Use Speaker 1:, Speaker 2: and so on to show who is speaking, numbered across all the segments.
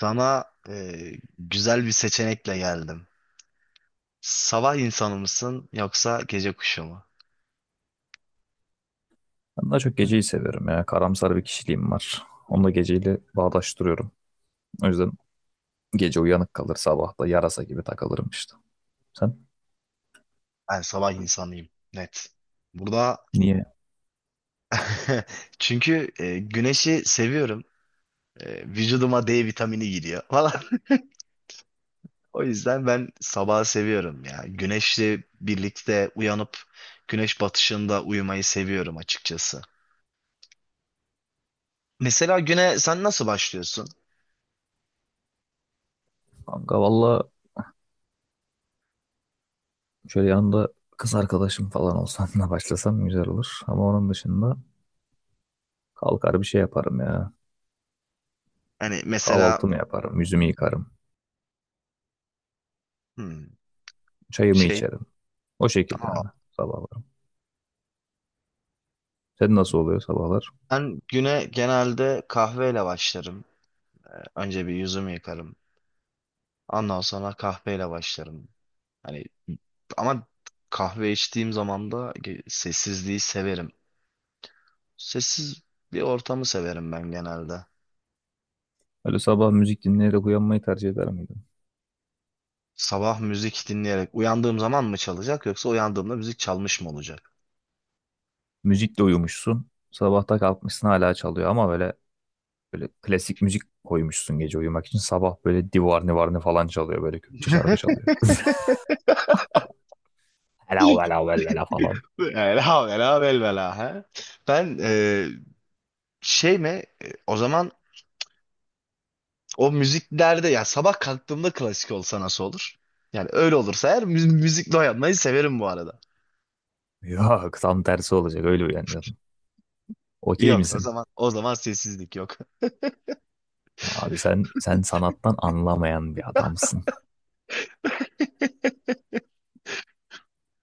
Speaker 1: Sana güzel bir seçenekle geldim. Sabah insanı mısın yoksa gece kuşu mu?
Speaker 2: Ben daha çok geceyi seviyorum ya. Karamsar bir kişiliğim var. Onu da geceyle bağdaştırıyorum. O yüzden gece uyanık kalır, sabah da yarasa gibi takılırım işte. Sen
Speaker 1: Ben sabah insanıyım, net. Burada
Speaker 2: niye?
Speaker 1: çünkü güneşi seviyorum. Vücuduma D vitamini giriyor falan. O yüzden ben sabahı seviyorum ya. Güneşle birlikte uyanıp güneş batışında uyumayı seviyorum açıkçası. Mesela güne sen nasıl başlıyorsun?
Speaker 2: Kanka valla şöyle yanında kız arkadaşım falan olsanla başlasam güzel olur. Ama onun dışında kalkar bir şey yaparım ya.
Speaker 1: Hani mesela
Speaker 2: Kahvaltımı yaparım, yüzümü yıkarım,
Speaker 1: hmm,
Speaker 2: çayımı
Speaker 1: şey,
Speaker 2: içerim. O şekilde
Speaker 1: aa,
Speaker 2: yani sabahlarım. Sen nasıl oluyor sabahlar?
Speaker 1: ben güne genelde kahveyle başlarım. Önce bir yüzümü yıkarım. Ondan sonra kahveyle başlarım. Hani ama kahve içtiğim zaman da sessizliği severim. Sessiz bir ortamı severim ben genelde.
Speaker 2: Öyle sabah müzik dinleyerek uyanmayı tercih eder miydin?
Speaker 1: Sabah müzik dinleyerek uyandığım zaman mı çalacak yoksa uyandığımda müzik çalmış mı olacak?
Speaker 2: Müzikle uyumuşsun. Sabahta kalkmışsın hala çalıyor ama böyle böyle klasik müzik koymuşsun gece uyumak için. Sabah böyle Divarni Varni falan çalıyor. Böyle Kürtçe şarkı çalıyor. Vela vela vela vela falan.
Speaker 1: Ela vela vel vela he. Ben şey mi o zaman o müziklerde ya sabah kalktığımda klasik olsa nasıl olur? Yani öyle olursa eğer müzikle uyanmayı severim bu arada.
Speaker 2: Yok, tam tersi olacak, öyle uyanacaksın. Okey
Speaker 1: Yok o
Speaker 2: misin?
Speaker 1: zaman o zaman sessizlik yok.
Speaker 2: Abi sen sanattan anlamayan bir adamsın.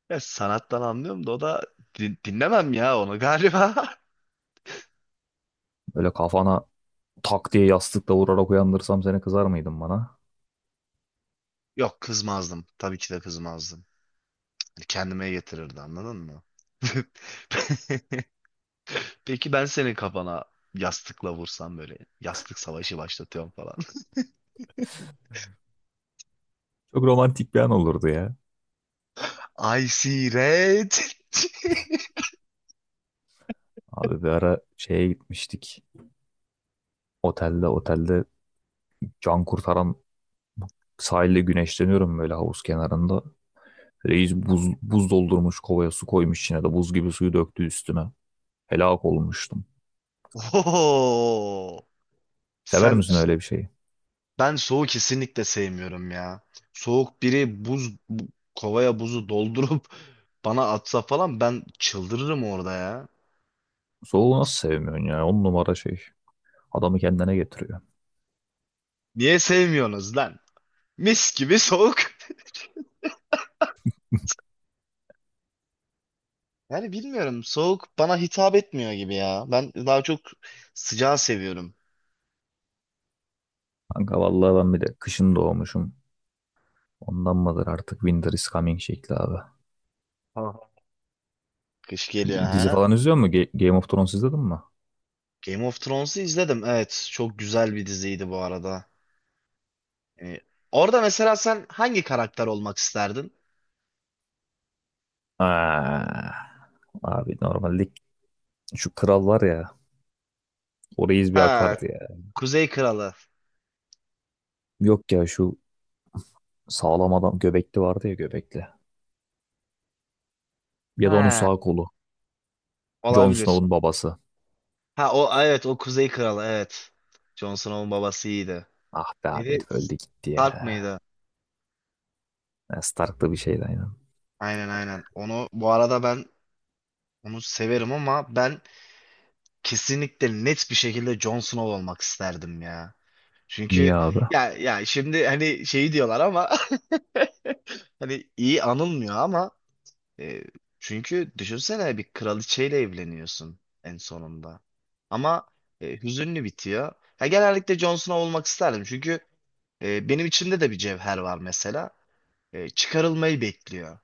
Speaker 1: Ya sanattan anlıyorum da o da dinlemem ya onu galiba.
Speaker 2: Böyle kafana tak diye yastıkla vurarak uyandırsam seni, kızar mıydın bana?
Speaker 1: Yok kızmazdım. Tabii ki de kızmazdım. Hani kendime getirirdi anladın mı? Peki ben senin kafana yastıkla vursam böyle yastık savaşı başlatıyorum falan.
Speaker 2: Çok romantik bir an olurdu ya.
Speaker 1: I see red.
Speaker 2: Abi bir ara şeye gitmiştik. Otelde can kurtaran sahilde güneşleniyorum böyle havuz kenarında. Reis buz doldurmuş kovaya, su koymuş içine de, buz gibi suyu döktü üstüme. Helak olmuştum.
Speaker 1: Oo.
Speaker 2: Sever
Speaker 1: Sen
Speaker 2: misin öyle bir şeyi?
Speaker 1: ben soğuğu kesinlikle sevmiyorum ya. Soğuk biri kovaya buzu doldurup bana atsa falan ben çıldırırım orada ya.
Speaker 2: Soğuğu nasıl sevmiyorsun ya? On numara şey. Adamı kendine getiriyor.
Speaker 1: Niye sevmiyorsunuz lan? Mis gibi soğuk. Yani bilmiyorum. Soğuk bana hitap etmiyor gibi ya. Ben daha çok sıcağı seviyorum.
Speaker 2: Kanka vallahi ben bir de kışın doğmuşum. Ondan mıdır artık Winter is Coming şekli abi.
Speaker 1: Aha. Kış geliyor
Speaker 2: Dizi
Speaker 1: ha.
Speaker 2: falan izliyor musun? Game of Thrones izledin mi?
Speaker 1: Game of Thrones'u izledim. Evet, çok güzel bir diziydi bu arada. Yani orada mesela sen hangi karakter olmak isterdin?
Speaker 2: Aa, abi normalde şu kral var ya. O reis bir
Speaker 1: Ha,
Speaker 2: akardı ya.
Speaker 1: Kuzey Kralı.
Speaker 2: Yok ya, şu sağlam adam, göbekli vardı ya, göbekli. Ya da onun
Speaker 1: Ha,
Speaker 2: sağ kolu. Jon
Speaker 1: olabilir.
Speaker 2: Snow'un babası.
Speaker 1: Ha o evet o Kuzey Kralı evet. Jon Snow'un babası iyiydi.
Speaker 2: Ah be abi,
Speaker 1: Neydi?
Speaker 2: herif öldü gitti
Speaker 1: Stark
Speaker 2: ya.
Speaker 1: mıydı?
Speaker 2: Ben Stark'ta bir şeydi aynen.
Speaker 1: Aynen aynen. Onu bu arada ben severim ama ben kesinlikle net bir şekilde Jon Snow olmak isterdim ya.
Speaker 2: Niye
Speaker 1: Çünkü
Speaker 2: abi?
Speaker 1: ya şimdi hani şeyi diyorlar ama hani iyi anılmıyor ama e, çünkü düşünsene bir kraliçeyle evleniyorsun en sonunda. Ama hüzünlü bitiyor. Ya genellikle Jon Snow olmak isterdim çünkü benim içimde de bir cevher var mesela. Çıkarılmayı bekliyor.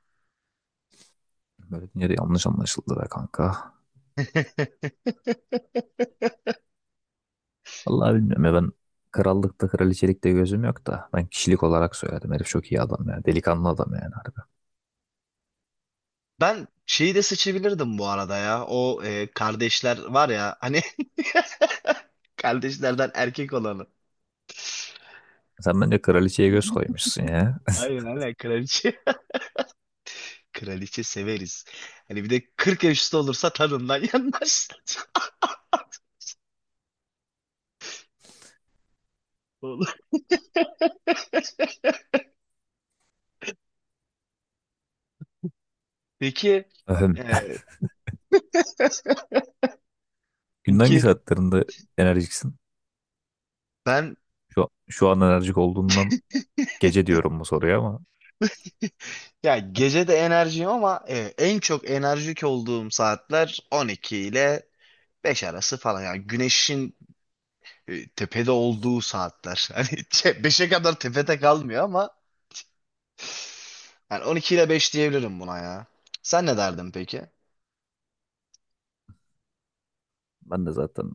Speaker 2: Böyle dünyada yanlış anlaşıldı be kanka. Vallahi bilmiyorum ya, ben krallıkta kraliçelikte gözüm yok da ben kişilik olarak söyledim. Herif çok iyi adam ya. Delikanlı adam yani, harbi.
Speaker 1: Ben şeyi de seçebilirdim bu arada ya. O kardeşler var ya hani kardeşlerden erkek olanı.
Speaker 2: Sen bence kraliçeye göz koymuşsun ya.
Speaker 1: Aynen aynen kraliçe. Kraliçe severiz. Hani bir de 40 yaş üstü olursa tadından yanmaz. Olur. Peki
Speaker 2: Öhüm.
Speaker 1: e,
Speaker 2: Günün hangi
Speaker 1: peki
Speaker 2: saatlerinde enerjiksin?
Speaker 1: ben
Speaker 2: Şu an enerjik olduğundan gece diyorum bu soruya, ama
Speaker 1: ya gece de enerjiyim ama en çok enerjik olduğum saatler 12 ile 5 arası falan. Yani güneşin tepede olduğu saatler. Hani beşe kadar tepede kalmıyor ama yani 12 ile 5 diyebilirim buna ya. Sen ne derdin peki?
Speaker 2: ben de zaten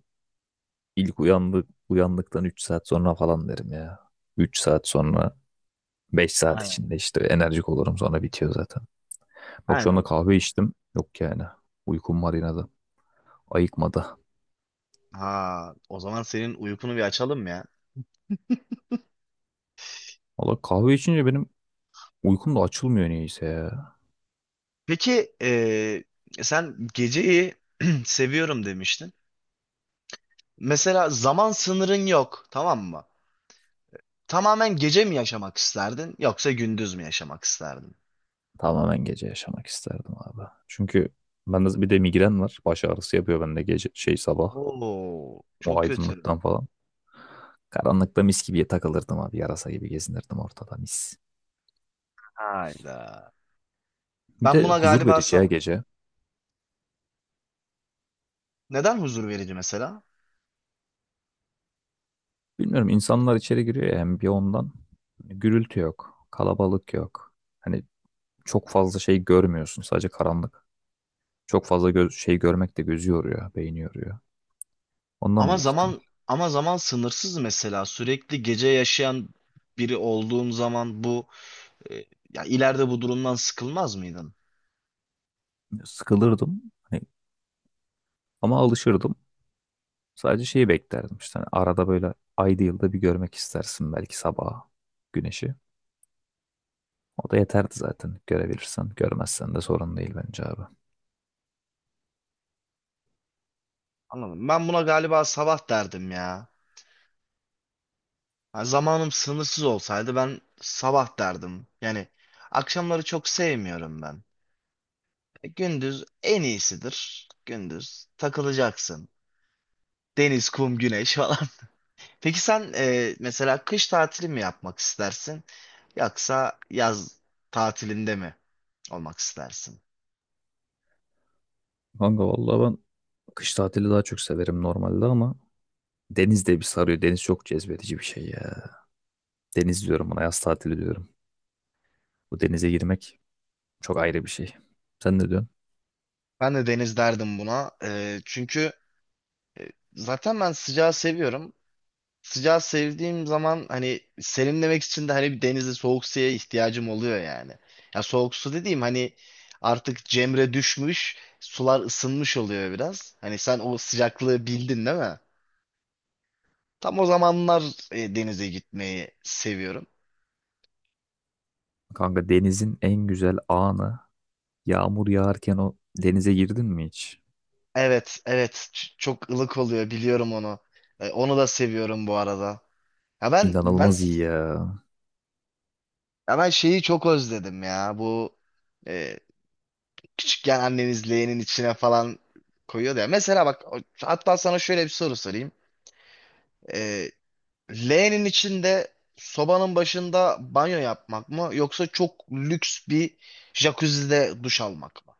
Speaker 2: uyandıktan 3 saat sonra falan derim ya. 3 saat sonra, 5 saat
Speaker 1: Aynen.
Speaker 2: içinde işte enerjik olurum, sonra bitiyor zaten. Bak şu anda
Speaker 1: Aynen.
Speaker 2: kahve içtim. Yok yani. Uykum var yine de. Ayıkmadı.
Speaker 1: Ha, o zaman senin uykunu bir açalım ya.
Speaker 2: Valla kahve içince benim uykum da açılmıyor niyeyse ya.
Speaker 1: Peki sen geceyi seviyorum demiştin. Mesela zaman sınırın yok, tamam mı? Tamamen gece mi yaşamak isterdin yoksa gündüz mü yaşamak isterdin?
Speaker 2: Tamamen gece yaşamak isterdim abi. Çünkü bende bir de migren var. Baş ağrısı yapıyor bende gece şey sabah.
Speaker 1: Oo,
Speaker 2: O
Speaker 1: çok kötü.
Speaker 2: aydınlıktan falan. Karanlıkta mis gibi takılırdım abi. Yarasa gibi gezinirdim ortada, mis.
Speaker 1: Hayda.
Speaker 2: Bir
Speaker 1: Ben
Speaker 2: de
Speaker 1: buna
Speaker 2: huzur
Speaker 1: galiba
Speaker 2: verici ya gece.
Speaker 1: neden huzur verici mesela?
Speaker 2: Bilmiyorum, insanlar içeri giriyor ya hem bir ondan. Gürültü yok. Kalabalık yok. Hani çok fazla şey görmüyorsun. Sadece karanlık. Çok fazla göz, şey görmek de gözü yoruyor, beyni yoruyor. Ondan
Speaker 1: Ama
Speaker 2: büyük ihtimal.
Speaker 1: zaman ama zaman sınırsız mesela sürekli gece yaşayan biri olduğun zaman e, ya ileride bu durumdan sıkılmaz mıydın?
Speaker 2: Sıkılırdım. Hani, ama alışırdım. Sadece şeyi beklerdim. İşte hani arada böyle ayda yılda bir görmek istersin belki sabah güneşi. O da yeterdi zaten, görebilirsen. Görmezsen de sorun değil bence abi.
Speaker 1: Anladım. Ben buna galiba sabah derdim ya. Yani zamanım sınırsız olsaydı ben sabah derdim. Yani akşamları çok sevmiyorum ben. Gündüz en iyisidir. Gündüz takılacaksın. Deniz, kum, güneş falan. Peki sen mesela kış tatili mi yapmak istersin? Yoksa yaz tatilinde mi olmak istersin?
Speaker 2: Kanka vallahi ben kış tatili daha çok severim normalde ama deniz de bir sarıyor. Deniz çok cezbedici bir şey ya. Deniz diyorum buna, yaz tatili diyorum. Bu denize girmek çok ayrı bir şey. Sen ne diyorsun?
Speaker 1: Ben de deniz derdim buna. Çünkü zaten ben sıcağı seviyorum. Sıcağı sevdiğim zaman hani serinlemek için de hani bir denizde soğuk suya ihtiyacım oluyor yani. Ya soğuk su dediğim hani artık cemre düşmüş, sular ısınmış oluyor biraz. Hani sen o sıcaklığı bildin değil mi? Tam o zamanlar denize gitmeyi seviyorum.
Speaker 2: Kanka denizin en güzel anı, yağmur yağarken o denize girdin mi hiç?
Speaker 1: Evet, evet. Çok ılık oluyor biliyorum onu. Onu da seviyorum bu arada. Ya ben ben
Speaker 2: İnanılmaz iyi ya.
Speaker 1: ben şeyi çok özledim ya. Bu e, küçükken anneniz leğenin içine falan koyuyordu ya. Mesela bak hatta sana şöyle bir soru sorayım. Ee, Leğenin içinde sobanın başında banyo yapmak mı yoksa çok lüks bir jacuzzi'de duş almak mı?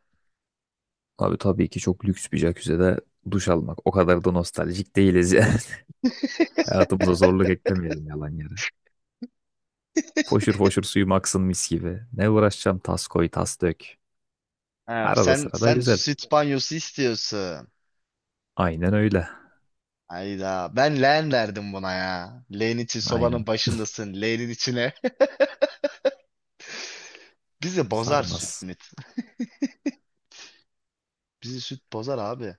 Speaker 2: Abi tabii ki çok lüks bir jacuzzi'de duş almak. O kadar da nostaljik değiliz yani. Hayatımıza zorluk eklemeyelim yalan yere. Foşur foşur suyum aksın mis gibi. Ne uğraşacağım tas koy tas dök.
Speaker 1: Ha,
Speaker 2: Arada
Speaker 1: sen
Speaker 2: sırada
Speaker 1: sen
Speaker 2: güzel.
Speaker 1: süt banyosu istiyorsun.
Speaker 2: Aynen öyle.
Speaker 1: Hayda ben leğen derdim buna ya. Leğen için sobanın
Speaker 2: Aynen.
Speaker 1: başındasın leğenin içine. Bizi bozar süt
Speaker 2: Sarmaz.
Speaker 1: müt. Bizi süt bozar abi.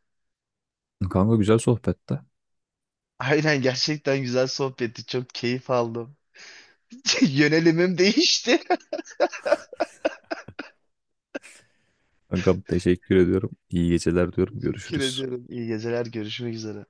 Speaker 2: Kanka güzel sohbette.
Speaker 1: Aynen gerçekten güzel sohbetti. Çok keyif aldım. Yönelimim değişti.
Speaker 2: Kankam teşekkür ediyorum. İyi geceler diyorum.
Speaker 1: Teşekkür
Speaker 2: Görüşürüz.
Speaker 1: ediyorum. İyi geceler. Görüşmek üzere.